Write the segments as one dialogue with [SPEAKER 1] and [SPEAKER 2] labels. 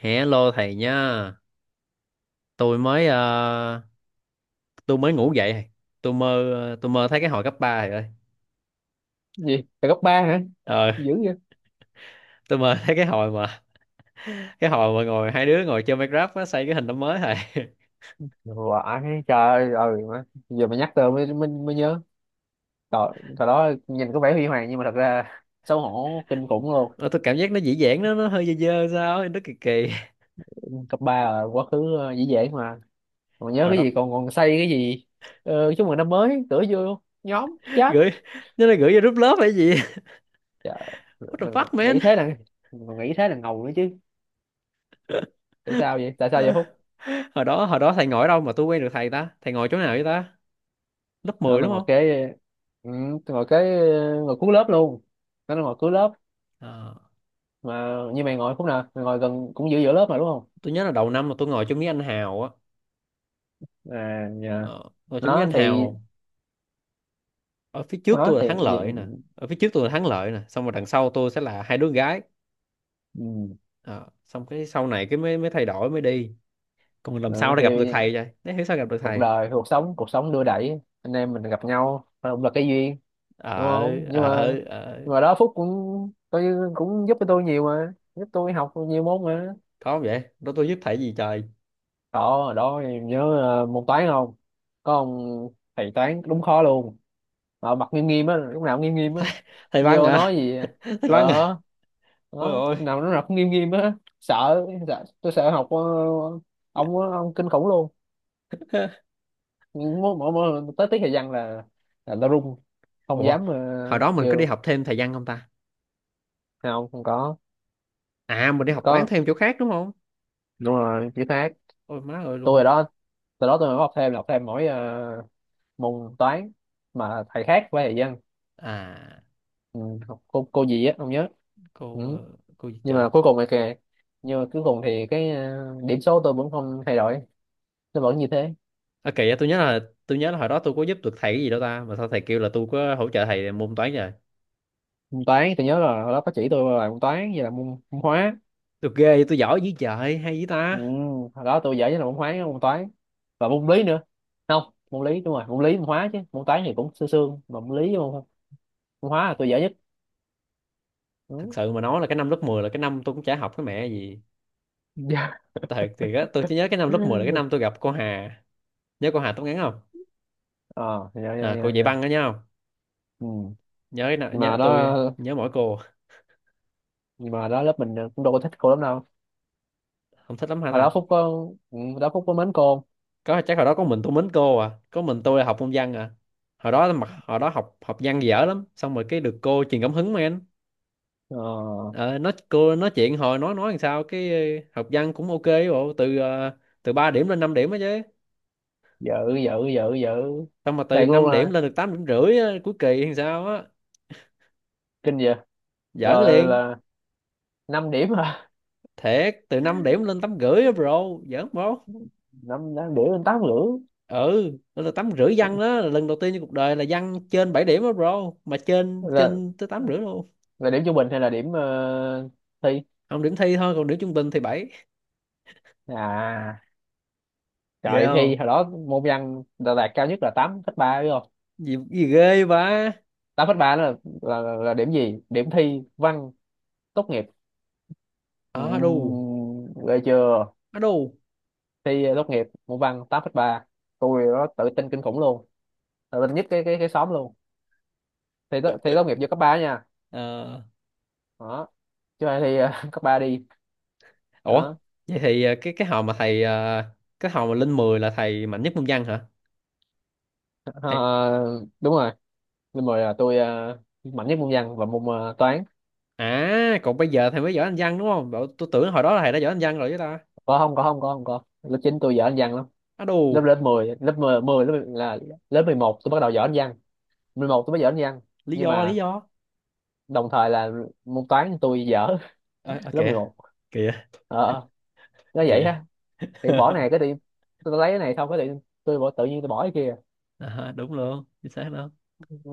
[SPEAKER 1] Hello thầy nha. Tôi mới ờ, tôi mới ngủ dậy thầy. Tôi mơ thấy cái hồi cấp 3 rồi.
[SPEAKER 2] Gì là cấp ba hả?
[SPEAKER 1] Ờ,
[SPEAKER 2] Dữ vậy.
[SPEAKER 1] tôi mơ thấy cái hồi mà ngồi hai đứa ngồi chơi Minecraft á, xây cái hình năm mới thầy.
[SPEAKER 2] Vãi, trời ơi, ừ, má. Giờ mà nhắc tới mới nhớ. Trời, thời đó nhìn có vẻ huy hoàng nhưng mà thật ra xấu hổ kinh khủng luôn.
[SPEAKER 1] Ờ, tôi cảm giác nó dĩ dãn nó hơi dơ dơ sao, ấy, nó kỳ kỳ.
[SPEAKER 2] Cấp ba là quá khứ, dễ dễ mà. Còn nhớ
[SPEAKER 1] Hồi
[SPEAKER 2] cái
[SPEAKER 1] đó
[SPEAKER 2] gì? Còn còn xây cái gì? Chúc mừng năm mới cửa vô nhóm chat.
[SPEAKER 1] gửi, nó là gửi vô group lớp hay gì?
[SPEAKER 2] Trời,
[SPEAKER 1] What the
[SPEAKER 2] mình còn
[SPEAKER 1] fuck
[SPEAKER 2] nghĩ
[SPEAKER 1] man?
[SPEAKER 2] thế là mình còn nghĩ thế là ngầu nữa chứ. Tại sao vậy, tại sao vậy Phúc?
[SPEAKER 1] Hồi đó thầy ngồi ở đâu mà tôi quen được thầy ta? Thầy ngồi chỗ nào vậy ta? Lớp
[SPEAKER 2] Nó
[SPEAKER 1] 10
[SPEAKER 2] là
[SPEAKER 1] đúng
[SPEAKER 2] ngồi
[SPEAKER 1] không?
[SPEAKER 2] kế Ừ, ngồi cuối lớp luôn. Nó là ngồi cuối lớp
[SPEAKER 1] Ờ,
[SPEAKER 2] Mà như mày ngồi khúc nào, mày ngồi gần cũng giữa giữa lớp mà đúng không?
[SPEAKER 1] tôi nhớ là đầu năm mà tôi ngồi chỗ Mỹ Anh Hào á.
[SPEAKER 2] À dạ.
[SPEAKER 1] Ờ, rồi chúng với
[SPEAKER 2] Nó
[SPEAKER 1] anh
[SPEAKER 2] thì,
[SPEAKER 1] Hào, ở phía trước
[SPEAKER 2] nó
[SPEAKER 1] tôi
[SPEAKER 2] thì
[SPEAKER 1] là Thắng
[SPEAKER 2] gì?
[SPEAKER 1] Lợi nè, ở phía trước tôi là Thắng Lợi nè xong rồi đằng sau tôi sẽ là hai đứa gái.
[SPEAKER 2] Ừ.
[SPEAKER 1] Ờ, xong cái sau này cái mới mới thay đổi mới đi. Còn làm
[SPEAKER 2] Ừ,
[SPEAKER 1] sao để
[SPEAKER 2] thì
[SPEAKER 1] gặp được thầy vậy, để hiểu sao gặp được
[SPEAKER 2] cuộc
[SPEAKER 1] thầy.
[SPEAKER 2] đời, cuộc sống đưa đẩy anh em mình gặp nhau, cũng là cái duyên đúng
[SPEAKER 1] ờ
[SPEAKER 2] không? Nhưng
[SPEAKER 1] ờ
[SPEAKER 2] mà,
[SPEAKER 1] ờ
[SPEAKER 2] nhưng mà đó Phúc cũng coi như cũng giúp cho tôi nhiều mà, giúp tôi học nhiều môn mà.
[SPEAKER 1] có không vậy, đó tôi giúp thầy gì trời.
[SPEAKER 2] Đó đó, nhớ môn toán không? Có ông thầy toán đúng khó luôn, mà mặt nghiêm nghiêm á, lúc nào cũng nghiêm nghiêm á.
[SPEAKER 1] thầy, Thầy văn
[SPEAKER 2] Vô
[SPEAKER 1] à?
[SPEAKER 2] nói gì
[SPEAKER 1] thầy văn à
[SPEAKER 2] đó
[SPEAKER 1] Ôi
[SPEAKER 2] đó,
[SPEAKER 1] ôi.
[SPEAKER 2] nào lúc nào cũng nghiêm nghiêm á. Sợ, tôi sợ học, ông á, ông kinh khủng luôn. Mỗi lần tới tiết thời gian là tao run, không
[SPEAKER 1] Ủa,
[SPEAKER 2] dám,
[SPEAKER 1] hồi đó mình có đi
[SPEAKER 2] kêu.
[SPEAKER 1] học thêm thầy văn không ta?
[SPEAKER 2] Không, không có.
[SPEAKER 1] À, mình đi học toán
[SPEAKER 2] Có,
[SPEAKER 1] thêm chỗ khác đúng không?
[SPEAKER 2] đúng rồi chữ khác.
[SPEAKER 1] Ôi má ơi
[SPEAKER 2] Tôi
[SPEAKER 1] luôn á.
[SPEAKER 2] hồi đó, từ đó tôi mới học thêm, là học thêm mỗi môn toán, mà thầy khác với thầy văn.
[SPEAKER 1] À,
[SPEAKER 2] Ừ, học cô gì á không nhớ. Ừ.
[SPEAKER 1] cô gì
[SPEAKER 2] nhưng
[SPEAKER 1] trời.
[SPEAKER 2] mà cuối cùng thì kìa nhưng mà cuối cùng thì cái, điểm số tôi vẫn không thay đổi, nó vẫn như thế.
[SPEAKER 1] À, kỳ á, tôi nhớ là hồi đó tôi có giúp được thầy cái gì đâu ta mà sao thầy kêu là tôi có hỗ trợ thầy môn toán rồi.
[SPEAKER 2] Môn toán tôi nhớ là hồi đó có chỉ tôi là môn toán, vậy là môn, môn hóa.
[SPEAKER 1] Tôi ghê vậy, tôi giỏi dữ trời hay dữ
[SPEAKER 2] Ừ,
[SPEAKER 1] ta.
[SPEAKER 2] hồi đó tôi giỏi nhất là môn hóa, môn toán và môn lý nữa. Không, môn lý, đúng rồi môn lý môn hóa, chứ môn toán thì cũng sương sương, mà môn lý với môn, môn hóa là tôi giỏi nhất.
[SPEAKER 1] Thật
[SPEAKER 2] Ừ.
[SPEAKER 1] sự mà nói là cái năm lớp 10 là cái năm tôi cũng chả học cái mẹ gì.
[SPEAKER 2] dạ.
[SPEAKER 1] Thật thì á, tôi chỉ nhớ cái năm lớp 10 là cái năm tôi gặp cô Hà. Nhớ cô Hà tóc ngắn không?
[SPEAKER 2] Ờ, dạ dạ
[SPEAKER 1] À, cô
[SPEAKER 2] dạ
[SPEAKER 1] dạy
[SPEAKER 2] dạ.
[SPEAKER 1] văn đó nhớ không?
[SPEAKER 2] Ừ. nhưng mà
[SPEAKER 1] Nhớ,
[SPEAKER 2] đó
[SPEAKER 1] tôi nhớ mỗi cô.
[SPEAKER 2] nhưng mà đó lớp mình cũng đâu có thích cô lắm đâu.
[SPEAKER 1] Không thích lắm hả
[SPEAKER 2] Mà đó
[SPEAKER 1] ta?
[SPEAKER 2] Phúc có Ừ, đó Phúc có mến cô.
[SPEAKER 1] Có chắc hồi đó có mình tôi mến cô à, có mình tôi là học môn văn à? Hồi đó mà, hồi đó học học văn dở lắm, xong rồi cái được cô truyền cảm hứng mà.
[SPEAKER 2] Ờ.
[SPEAKER 1] Ờ, nói, cô nói chuyện hồi nói làm sao cái học văn cũng ok ấy, bộ từ từ 3 điểm lên 5 điểm á chứ.
[SPEAKER 2] dữ dữ dữ Dữ.
[SPEAKER 1] Xong mà từ
[SPEAKER 2] Thiệt luôn
[SPEAKER 1] 5 điểm
[SPEAKER 2] à?
[SPEAKER 1] lên được 8 điểm rưỡi á, cuối kỳ làm sao á.
[SPEAKER 2] Kinh vậy.
[SPEAKER 1] Giỡn
[SPEAKER 2] Rồi
[SPEAKER 1] liền.
[SPEAKER 2] là, 5 điểm hả?
[SPEAKER 1] Thiệt, từ 5 điểm lên 8 rưỡi á bro. Giỡn bro.
[SPEAKER 2] Năm, năm điểm lên tám rưỡi?
[SPEAKER 1] Ừ, lên được 8 rưỡi văn, đó là lần đầu tiên trong cuộc đời là văn trên 7 điểm á bro, mà trên
[SPEAKER 2] là
[SPEAKER 1] trên tới 8 rưỡi luôn.
[SPEAKER 2] là điểm trung bình hay là điểm thi?
[SPEAKER 1] Không, điểm thi thôi, còn điểm trung bình thì bảy.
[SPEAKER 2] À, trời,
[SPEAKER 1] Ghê
[SPEAKER 2] điểm
[SPEAKER 1] không?
[SPEAKER 2] thi hồi đó môn văn đã đạt cao nhất là tám phẩy ba đúng không?
[SPEAKER 1] Gì ghê vậy?
[SPEAKER 2] Tám phẩy ba đó là, là điểm gì, điểm thi văn tốt nghiệp.
[SPEAKER 1] Ba à, đù.
[SPEAKER 2] Ghê chưa.
[SPEAKER 1] À, đù.
[SPEAKER 2] Thi tốt nghiệp môn văn tám phẩy ba, tôi đó tự tin kinh khủng luôn, tự tin nhất cái xóm luôn. Thi tốt nghiệp vô cấp ba nha. Đó. Chứ ai thi, cấp ba đi.
[SPEAKER 1] Ủa,
[SPEAKER 2] Đó.
[SPEAKER 1] vậy thì cái hồi mà thầy ờ, cái hồi mà lên 10 là thầy mạnh nhất môn văn hả? Thầy.
[SPEAKER 2] Ờ, đúng rồi. Nên mời là tôi, mạnh nhất môn văn và môn, toán.
[SPEAKER 1] À, còn bây giờ thầy mới giỏi anh văn đúng không? Bảo, tôi tưởng hồi đó là thầy đã giỏi anh văn rồi chứ ta.
[SPEAKER 2] Có không có không có không có lớp 9 tôi giỏi anh văn lắm.
[SPEAKER 1] Á
[SPEAKER 2] Lớp
[SPEAKER 1] đù,
[SPEAKER 2] lớp 10 10 lớp 11 tôi bắt đầu giỏi anh văn. Mười một tôi mới giỏi anh văn
[SPEAKER 1] lý
[SPEAKER 2] Nhưng
[SPEAKER 1] do lý
[SPEAKER 2] mà
[SPEAKER 1] do.
[SPEAKER 2] đồng thời là môn toán tôi dở.
[SPEAKER 1] Ờ à,
[SPEAKER 2] lớp
[SPEAKER 1] kìa,
[SPEAKER 2] 11.
[SPEAKER 1] kìa,
[SPEAKER 2] ờ ờ, nó vậy
[SPEAKER 1] kìa.
[SPEAKER 2] ha. Thì bỏ này cái đi, tôi lấy cái này xong cái đi, tôi bỏ tự nhiên tôi bỏ cái kia.
[SPEAKER 1] À, đúng luôn, chính xác luôn.
[SPEAKER 2] Ừ.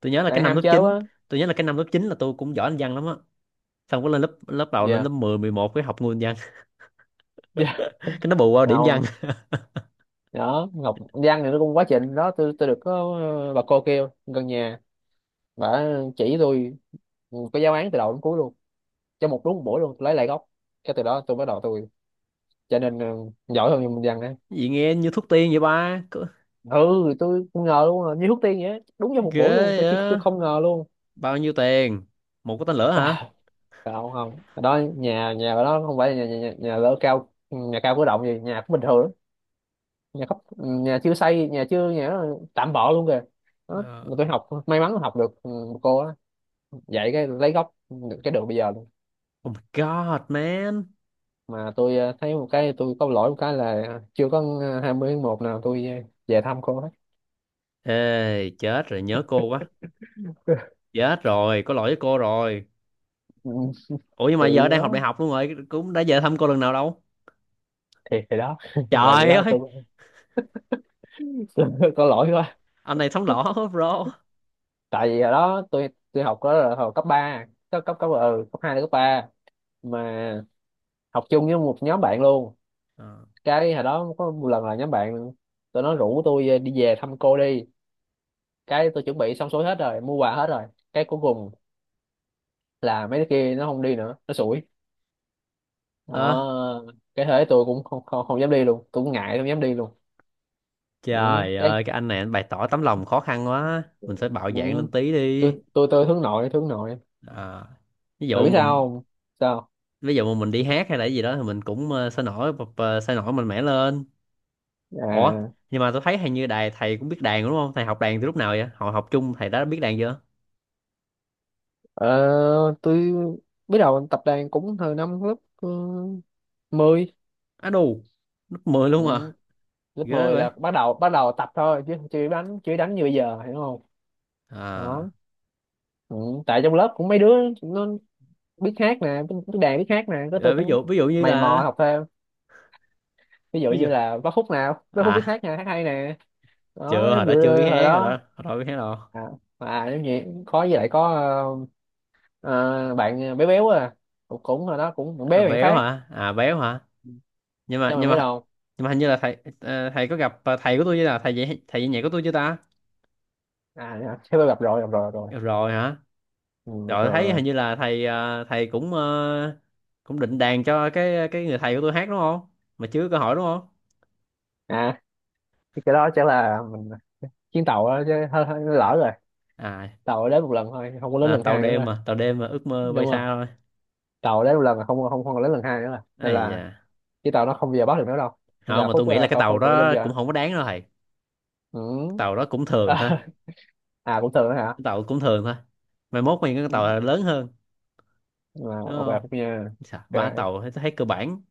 [SPEAKER 1] Tôi nhớ là cái
[SPEAKER 2] Tại
[SPEAKER 1] năm
[SPEAKER 2] ham
[SPEAKER 1] lớp
[SPEAKER 2] chơi
[SPEAKER 1] 9
[SPEAKER 2] quá.
[SPEAKER 1] tôi nhớ là cái năm lớp 9 là tôi cũng giỏi anh văn lắm á. Xong có lên lớp lớp đầu lên lớp
[SPEAKER 2] Dạ.
[SPEAKER 1] mười mười một cái học nguyên văn.
[SPEAKER 2] yeah.
[SPEAKER 1] Cái nó bù qua điểm văn.
[SPEAKER 2] Đó, Ngọc Giang thì nó cũng quá trình đó, tôi được có bà cô kêu gần nhà, bà chỉ tôi, có giáo án từ đầu đến cuối luôn. Trong một, đúng một buổi luôn tôi lấy lại gốc. Cái từ đó tôi bắt đầu, tôi trở nên giỏi hơn Minh Giang đấy.
[SPEAKER 1] Vậy nghe như thuốc tiên vậy ba.
[SPEAKER 2] Ừ, tôi không ngờ luôn à, như thuốc tiên vậy á. Đúng trong một buổi luôn,
[SPEAKER 1] Ghê
[SPEAKER 2] tôi
[SPEAKER 1] á.
[SPEAKER 2] không ngờ luôn.
[SPEAKER 1] Bao nhiêu tiền? Một cái tên lửa hả?
[SPEAKER 2] À, không không. Ở đó nhà, nhà ở đó không phải là nhà nhà, nhà lỡ cao nhà cao cửa động gì, nhà cũng bình thường lắm. Nhà chưa xây, nhà chưa nhà nó tạm bợ luôn kìa. Đó,
[SPEAKER 1] Ờ.
[SPEAKER 2] mà tôi học may mắn học được, ừ, cô á, dạy cái lấy gốc được cái đường bây giờ luôn.
[SPEAKER 1] Oh my God, man.
[SPEAKER 2] Mà tôi, thấy một cái tôi có lỗi một cái là chưa có 20 tháng 1 nào tôi, về thăm cô hết.
[SPEAKER 1] Ê, chết rồi, nhớ cô quá. Chết rồi, có lỗi với cô rồi.
[SPEAKER 2] Ừ,
[SPEAKER 1] Ủa nhưng mà
[SPEAKER 2] thì
[SPEAKER 1] giờ đang học
[SPEAKER 2] đó
[SPEAKER 1] đại học luôn rồi, cũng đã về thăm cô lần nào đâu.
[SPEAKER 2] thì đó là vậy
[SPEAKER 1] Trời
[SPEAKER 2] đó
[SPEAKER 1] ơi,
[SPEAKER 2] tôi, tôi có lỗi quá.
[SPEAKER 1] anh này sống lỏ quá, bro.
[SPEAKER 2] Tại vì hồi đó tôi học đó là hồi cấp ba, cấp cấp cấp ừ, cấp 2 đến cấp ba, mà học chung với một nhóm bạn luôn.
[SPEAKER 1] Ờ,
[SPEAKER 2] Cái hồi đó có một lần là nhóm bạn, tụi nó rủ tôi đi về thăm cô đi, cái tôi chuẩn bị xong xuôi hết rồi, mua quà hết rồi, cái cuối cùng là mấy đứa kia nó không đi nữa, nó sủi.
[SPEAKER 1] Ờ,
[SPEAKER 2] Đó, cái thế tôi cũng không không, không dám đi luôn, tôi cũng ngại không dám đi luôn. Những
[SPEAKER 1] trời
[SPEAKER 2] cái
[SPEAKER 1] ơi, cái anh này anh bày tỏ tấm lòng khó khăn quá. Mình phải bạo dạn
[SPEAKER 2] những
[SPEAKER 1] lên tí đi.
[SPEAKER 2] tôi hướng nội, hướng nội
[SPEAKER 1] Ờ, ví
[SPEAKER 2] mà
[SPEAKER 1] dụ
[SPEAKER 2] biết
[SPEAKER 1] mà,
[SPEAKER 2] sao không. Sao.
[SPEAKER 1] ví dụ mà mình đi hát hay là cái gì đó thì mình cũng sôi nổi mạnh mẽ lên. Ủa,
[SPEAKER 2] À,
[SPEAKER 1] nhưng mà tôi thấy hình như đài thầy cũng biết đàn đúng không? Thầy học đàn từ lúc nào vậy? Hồi học chung thầy đã biết đàn chưa?
[SPEAKER 2] ờ, tôi biết đầu tập đàn cũng từ năm lớp, 10.
[SPEAKER 1] Á đù, lớp 10
[SPEAKER 2] Ừ.
[SPEAKER 1] luôn à?
[SPEAKER 2] Lớp
[SPEAKER 1] Ghê
[SPEAKER 2] mười
[SPEAKER 1] vậy.
[SPEAKER 2] là bắt đầu, tập thôi chứ chưa đánh, như bây giờ hiểu không. Đó.
[SPEAKER 1] À.
[SPEAKER 2] Ừ. Tại trong lớp cũng mấy đứa nó biết hát nè, biết đàn biết hát nè, cái tôi
[SPEAKER 1] Rồi ví
[SPEAKER 2] cũng
[SPEAKER 1] dụ ví dụ như
[SPEAKER 2] mày mò
[SPEAKER 1] là
[SPEAKER 2] học thêm. Ví dụ
[SPEAKER 1] ví dụ
[SPEAKER 2] như là bác Phúc, nào bác Phúc biết
[SPEAKER 1] à,
[SPEAKER 2] hát nè, hát hay nè. Đó
[SPEAKER 1] chưa, hồi
[SPEAKER 2] ví
[SPEAKER 1] đó
[SPEAKER 2] dụ
[SPEAKER 1] chưa biết
[SPEAKER 2] như hồi
[SPEAKER 1] hát rồi đó,
[SPEAKER 2] đó.
[SPEAKER 1] hồi đó biết hát đâu.
[SPEAKER 2] À, à giống như có, với lại có ờ, bạn bé béo à, cũng, cũng hồi đó cũng bạn
[SPEAKER 1] À,
[SPEAKER 2] bé bạn
[SPEAKER 1] béo
[SPEAKER 2] phát
[SPEAKER 1] hả? À béo hả? nhưng mà
[SPEAKER 2] cho mày
[SPEAKER 1] nhưng
[SPEAKER 2] biết
[SPEAKER 1] mà
[SPEAKER 2] đâu.
[SPEAKER 1] nhưng mà hình như là thầy có gặp thầy của tôi chưa, là thầy dạy nhạc của tôi chưa ta?
[SPEAKER 2] À dạ, thế tôi gặp rồi, gặp rồi.
[SPEAKER 1] Rồi hả?
[SPEAKER 2] Ừ, gặp
[SPEAKER 1] Rồi
[SPEAKER 2] rồi, gặp
[SPEAKER 1] thấy
[SPEAKER 2] rồi.
[SPEAKER 1] hình như là thầy cũng cũng định đàn cho cái người thầy của tôi hát đúng không, mà chưa có hỏi đúng không?
[SPEAKER 2] À, thì cái đó chắc là mình chuyến tàu đó chứ hơi, hơi lỡ rồi.
[SPEAKER 1] À
[SPEAKER 2] Tàu đến một lần thôi, không có đến
[SPEAKER 1] là
[SPEAKER 2] lần
[SPEAKER 1] tàu
[SPEAKER 2] hai nữa
[SPEAKER 1] đêm
[SPEAKER 2] rồi.
[SPEAKER 1] mà, tàu đêm mà ước mơ bay
[SPEAKER 2] Đúng rồi,
[SPEAKER 1] xa thôi.
[SPEAKER 2] tàu đến một lần là không không không có đến lần hai nữa rồi, nên
[SPEAKER 1] Ấy
[SPEAKER 2] là
[SPEAKER 1] da,
[SPEAKER 2] cái tàu nó không bao giờ bắt được nữa đâu. Nên
[SPEAKER 1] không
[SPEAKER 2] là
[SPEAKER 1] mà tôi
[SPEAKER 2] Phúc,
[SPEAKER 1] nghĩ là cái
[SPEAKER 2] không,
[SPEAKER 1] tàu
[SPEAKER 2] không còn bao
[SPEAKER 1] đó
[SPEAKER 2] giờ.
[SPEAKER 1] cũng không có đáng đâu thầy, cái
[SPEAKER 2] Ừ.
[SPEAKER 1] tàu đó cũng thường thôi.
[SPEAKER 2] à, cũng thường đó hả?
[SPEAKER 1] Cái tàu cũng thường thôi, mai mốt mình cái
[SPEAKER 2] Ừ.
[SPEAKER 1] tàu lớn hơn,
[SPEAKER 2] À,
[SPEAKER 1] đúng
[SPEAKER 2] ok
[SPEAKER 1] không?
[SPEAKER 2] Phúc nha.
[SPEAKER 1] Chà, ba
[SPEAKER 2] Ok.
[SPEAKER 1] tàu thấy, thấy cơ bản,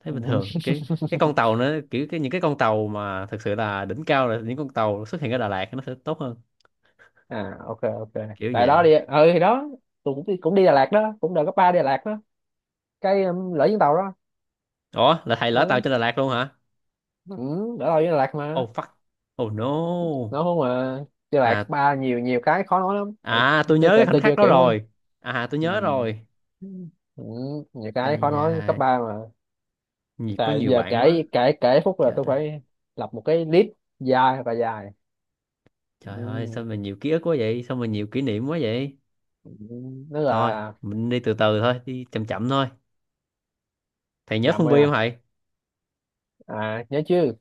[SPEAKER 1] thấy bình thường. Cái con tàu nữa kiểu, cái những cái con tàu mà thực sự là đỉnh cao là những con tàu xuất hiện ở Đà Lạt nó sẽ tốt hơn,
[SPEAKER 2] à, ok ok.
[SPEAKER 1] kiểu
[SPEAKER 2] Tại đó
[SPEAKER 1] vậy.
[SPEAKER 2] đi, ừ thì đó, tôi cũng đi Đà Lạt đó, cũng đợt cấp ba đi Đà Lạt đó, cái lỡ chuyến tàu đó.
[SPEAKER 1] Ủa là thầy lỡ tàu
[SPEAKER 2] Ừ,
[SPEAKER 1] trên Đà Lạt luôn hả?
[SPEAKER 2] ừ, đỡ tàu với Đà Lạt mà.
[SPEAKER 1] Oh fuck. Oh no.
[SPEAKER 2] Nó không mà, Đà Lạt cấp
[SPEAKER 1] À,
[SPEAKER 2] ba nhiều, nhiều cái khó nói lắm. Tại
[SPEAKER 1] à, tôi nhớ
[SPEAKER 2] tôi,
[SPEAKER 1] cái
[SPEAKER 2] tại
[SPEAKER 1] khoảnh
[SPEAKER 2] tôi chưa
[SPEAKER 1] khắc đó
[SPEAKER 2] kiểu lắm.
[SPEAKER 1] rồi. À tôi
[SPEAKER 2] Ừ.
[SPEAKER 1] nhớ rồi.
[SPEAKER 2] Ừ, nhiều cái khó
[SPEAKER 1] Ây
[SPEAKER 2] nói cấp
[SPEAKER 1] da,
[SPEAKER 2] ba mà.
[SPEAKER 1] nhiều, có
[SPEAKER 2] Tại
[SPEAKER 1] nhiều
[SPEAKER 2] giờ
[SPEAKER 1] bạn quá.
[SPEAKER 2] kể kể kể phút là
[SPEAKER 1] Chết.
[SPEAKER 2] tôi phải lập một cái list dài và dài.
[SPEAKER 1] Trời ơi, sao
[SPEAKER 2] Ừ.
[SPEAKER 1] mà nhiều ký ức quá vậy? Sao mà nhiều kỷ niệm quá vậy?
[SPEAKER 2] Ừ, nó
[SPEAKER 1] Thôi,
[SPEAKER 2] là.
[SPEAKER 1] mình đi từ từ thôi, đi chậm chậm thôi. Thầy nhớ
[SPEAKER 2] Nhầm
[SPEAKER 1] Phương
[SPEAKER 2] rồi
[SPEAKER 1] Vi không
[SPEAKER 2] à,
[SPEAKER 1] thầy?
[SPEAKER 2] à nhớ chứ.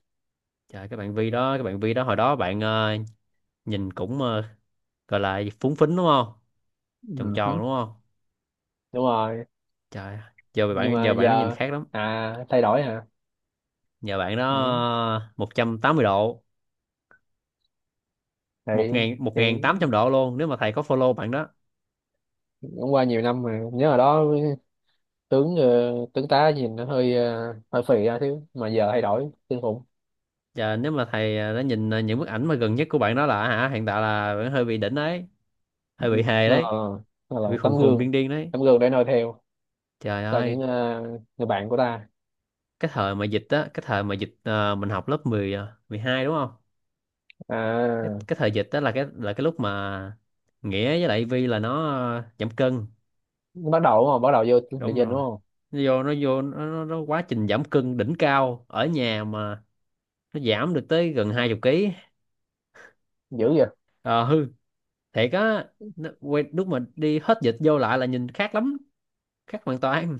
[SPEAKER 1] Trời, cái bạn Vi đó hồi đó bạn nhìn cũng gọi là phúng phính đúng không? Tròn
[SPEAKER 2] Ừ.
[SPEAKER 1] tròn
[SPEAKER 2] Hứ,
[SPEAKER 1] đúng không?
[SPEAKER 2] đúng rồi.
[SPEAKER 1] Trời,
[SPEAKER 2] Nhưng mà
[SPEAKER 1] giờ bạn nó nhìn
[SPEAKER 2] giờ,
[SPEAKER 1] khác lắm.
[SPEAKER 2] à thay đổi hả?
[SPEAKER 1] Giờ bạn đó
[SPEAKER 2] Ừ.
[SPEAKER 1] 180 độ,
[SPEAKER 2] thì
[SPEAKER 1] một một
[SPEAKER 2] thì
[SPEAKER 1] ngàn tám trăm độ luôn nếu mà thầy có follow bạn đó.
[SPEAKER 2] cũng qua nhiều năm mà, nhớ hồi đó tướng, tướng tá nhìn nó hơi, hơi phì ra thiếu, mà giờ thay đổi kinh khủng.
[SPEAKER 1] Giờ nếu mà đã nhìn những bức ảnh mà gần nhất của bạn đó là hả, hiện tại là bạn hơi bị đỉnh đấy,
[SPEAKER 2] Ừ.
[SPEAKER 1] hơi bị hề đấy,
[SPEAKER 2] Nó là
[SPEAKER 1] hơi bị
[SPEAKER 2] một
[SPEAKER 1] khùng
[SPEAKER 2] tấm
[SPEAKER 1] khùng điên
[SPEAKER 2] gương,
[SPEAKER 1] điên đấy.
[SPEAKER 2] tấm gương để noi theo
[SPEAKER 1] Trời
[SPEAKER 2] cho những,
[SPEAKER 1] ơi,
[SPEAKER 2] người bạn của ta.
[SPEAKER 1] cái thời mà dịch mình học lớp 10, à, 12 đúng không?
[SPEAKER 2] À
[SPEAKER 1] Cái thời dịch đó là cái lúc mà Nghĩa với lại Vi là nó giảm cân.
[SPEAKER 2] nó bắt đầu đúng không, bắt đầu vô địa
[SPEAKER 1] Đúng
[SPEAKER 2] trình đúng
[SPEAKER 1] rồi,
[SPEAKER 2] không.
[SPEAKER 1] nó vô nó vô nó quá trình giảm cân đỉnh cao ở nhà mà, nó giảm được tới gần 20 kg.
[SPEAKER 2] Dữ vậy.
[SPEAKER 1] Ờ hư, thiệt á. Nó, lúc mà đi hết dịch vô lại là nhìn khác lắm, khác hoàn toàn.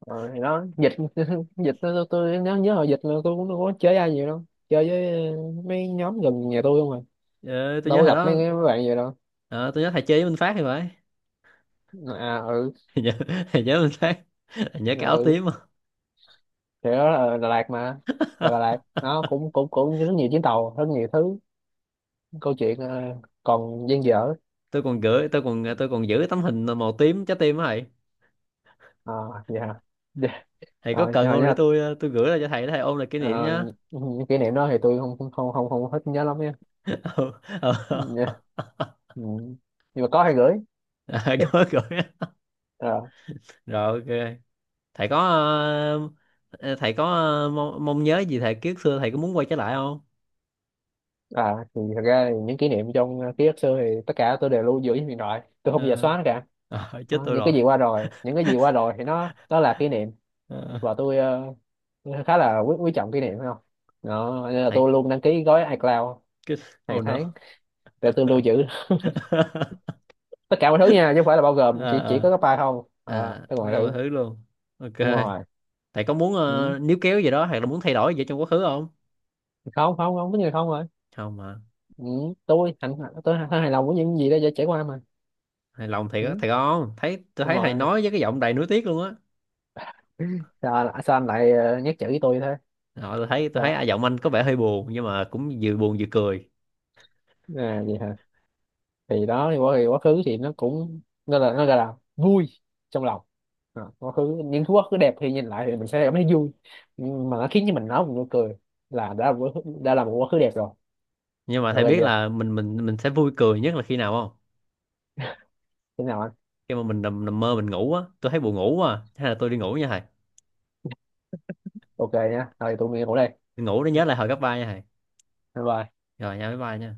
[SPEAKER 2] Ờ, thì nó dịch, dịch tôi, nhớ, hồi dịch là tôi cũng không có chơi ai nhiều đâu, chơi với, mấy nhóm gần nhà tôi không à,
[SPEAKER 1] Ờ, tôi
[SPEAKER 2] đâu
[SPEAKER 1] nhớ
[SPEAKER 2] có
[SPEAKER 1] hồi
[SPEAKER 2] gặp mấy
[SPEAKER 1] đó,
[SPEAKER 2] mấy bạn vậy đâu.
[SPEAKER 1] ờ, tôi nhớ thầy chơi với Minh Phát thì phải.
[SPEAKER 2] À. Ừ.
[SPEAKER 1] Thầy nhớ Thầy nhớ Minh Phát, thầy nhớ cái áo
[SPEAKER 2] Ừ
[SPEAKER 1] tím.
[SPEAKER 2] thì đó là Đà Lạt mà, là Đà Lạt nó cũng cũng cũng rất nhiều chuyến tàu, rất nhiều thứ, câu chuyện còn dang dở.
[SPEAKER 1] Tôi còn giữ tấm hình màu tím trái tim á thầy.
[SPEAKER 2] À, vậy hả. Dạ,
[SPEAKER 1] Thầy có
[SPEAKER 2] rồi
[SPEAKER 1] cần
[SPEAKER 2] rồi
[SPEAKER 1] không để
[SPEAKER 2] nha.
[SPEAKER 1] tôi tôi gửi lại cho thầy để thầy ôm lại kỷ niệm
[SPEAKER 2] Ờ,
[SPEAKER 1] nhá?
[SPEAKER 2] những kỷ niệm đó thì tôi không không không không, không hết nhớ lắm nha.
[SPEAKER 1] Ừ, ừ.
[SPEAKER 2] Dạ. Ừ. Nhưng mà có hay gửi.
[SPEAKER 1] À, có gửi.
[SPEAKER 2] Ờ.
[SPEAKER 1] Rồi ok, thầy có thầy có mong nhớ gì thầy kiếp xưa, thầy có muốn quay trở lại không?
[SPEAKER 2] À thì thật ra thì những kỷ niệm trong, ký ức xưa thì tất cả tôi đều lưu giữ trên điện thoại, tôi không bao giờ
[SPEAKER 1] Ờ,
[SPEAKER 2] xóa nó cả.
[SPEAKER 1] ờ, chết
[SPEAKER 2] Đó,
[SPEAKER 1] tôi
[SPEAKER 2] những cái
[SPEAKER 1] rồi.
[SPEAKER 2] gì qua rồi, thì nó đó là kỷ niệm,
[SPEAKER 1] Ờ,
[SPEAKER 2] và tôi, khá là quý, quý trọng kỷ niệm phải không. Đó nên là
[SPEAKER 1] thầy
[SPEAKER 2] tôi luôn đăng ký gói iCloud
[SPEAKER 1] cái oh
[SPEAKER 2] hàng tháng
[SPEAKER 1] no.
[SPEAKER 2] để tôi lưu giữ tất cả mọi thứ nha, chứ không phải là bao gồm chỉ
[SPEAKER 1] À,
[SPEAKER 2] có cái file không à,
[SPEAKER 1] à, à,
[SPEAKER 2] tôi
[SPEAKER 1] tất
[SPEAKER 2] còn
[SPEAKER 1] cả mọi
[SPEAKER 2] thử.
[SPEAKER 1] thứ luôn. Ok,
[SPEAKER 2] Đúng rồi.
[SPEAKER 1] thầy có muốn
[SPEAKER 2] Ừ.
[SPEAKER 1] níu kéo gì đó hay là muốn thay đổi gì trong quá khứ không?
[SPEAKER 2] không không Không, có người không rồi.
[SPEAKER 1] Không mà,
[SPEAKER 2] Ừ. tôi hạnh tôi hài lòng với những gì đã trải qua mà.
[SPEAKER 1] hài lòng thiệt á,
[SPEAKER 2] Ừ.
[SPEAKER 1] thiệt không? Thấy tôi
[SPEAKER 2] Đúng
[SPEAKER 1] thấy thầy
[SPEAKER 2] rồi.
[SPEAKER 1] nói với cái giọng đầy nuối tiếc luôn á.
[SPEAKER 2] Sao anh lại, nhắc chữ với tôi thế.
[SPEAKER 1] Ờ, tôi thấy
[SPEAKER 2] Sao.
[SPEAKER 1] à, giọng anh có vẻ hơi buồn nhưng mà cũng vừa buồn vừa cười.
[SPEAKER 2] À, gì hả. Thì quá khứ thì nó cũng, nó là nó gọi là vui trong lòng. À, quá khứ những thứ quá khứ đẹp thì nhìn lại thì mình sẽ cảm thấy vui. Nhưng mà nó khiến cho mình nói một nụ cười, là đã là một quá khứ, đã là một quá khứ đẹp rồi.
[SPEAKER 1] Nhưng mà
[SPEAKER 2] Được
[SPEAKER 1] thầy
[SPEAKER 2] rồi
[SPEAKER 1] biết
[SPEAKER 2] chưa.
[SPEAKER 1] là mình sẽ vui cười nhất là khi nào không?
[SPEAKER 2] Thế nào anh.
[SPEAKER 1] Khi mà mình nằm mơ mình ngủ á, tôi thấy buồn ngủ quá à, hay là tôi đi ngủ nha thầy.
[SPEAKER 2] Ok nhá, rồi tụi mình ngủ đây.
[SPEAKER 1] Đi ngủ để nhớ lại hồi cấp ba nha thầy.
[SPEAKER 2] Bye bye.
[SPEAKER 1] Rồi nha, bye bye nha.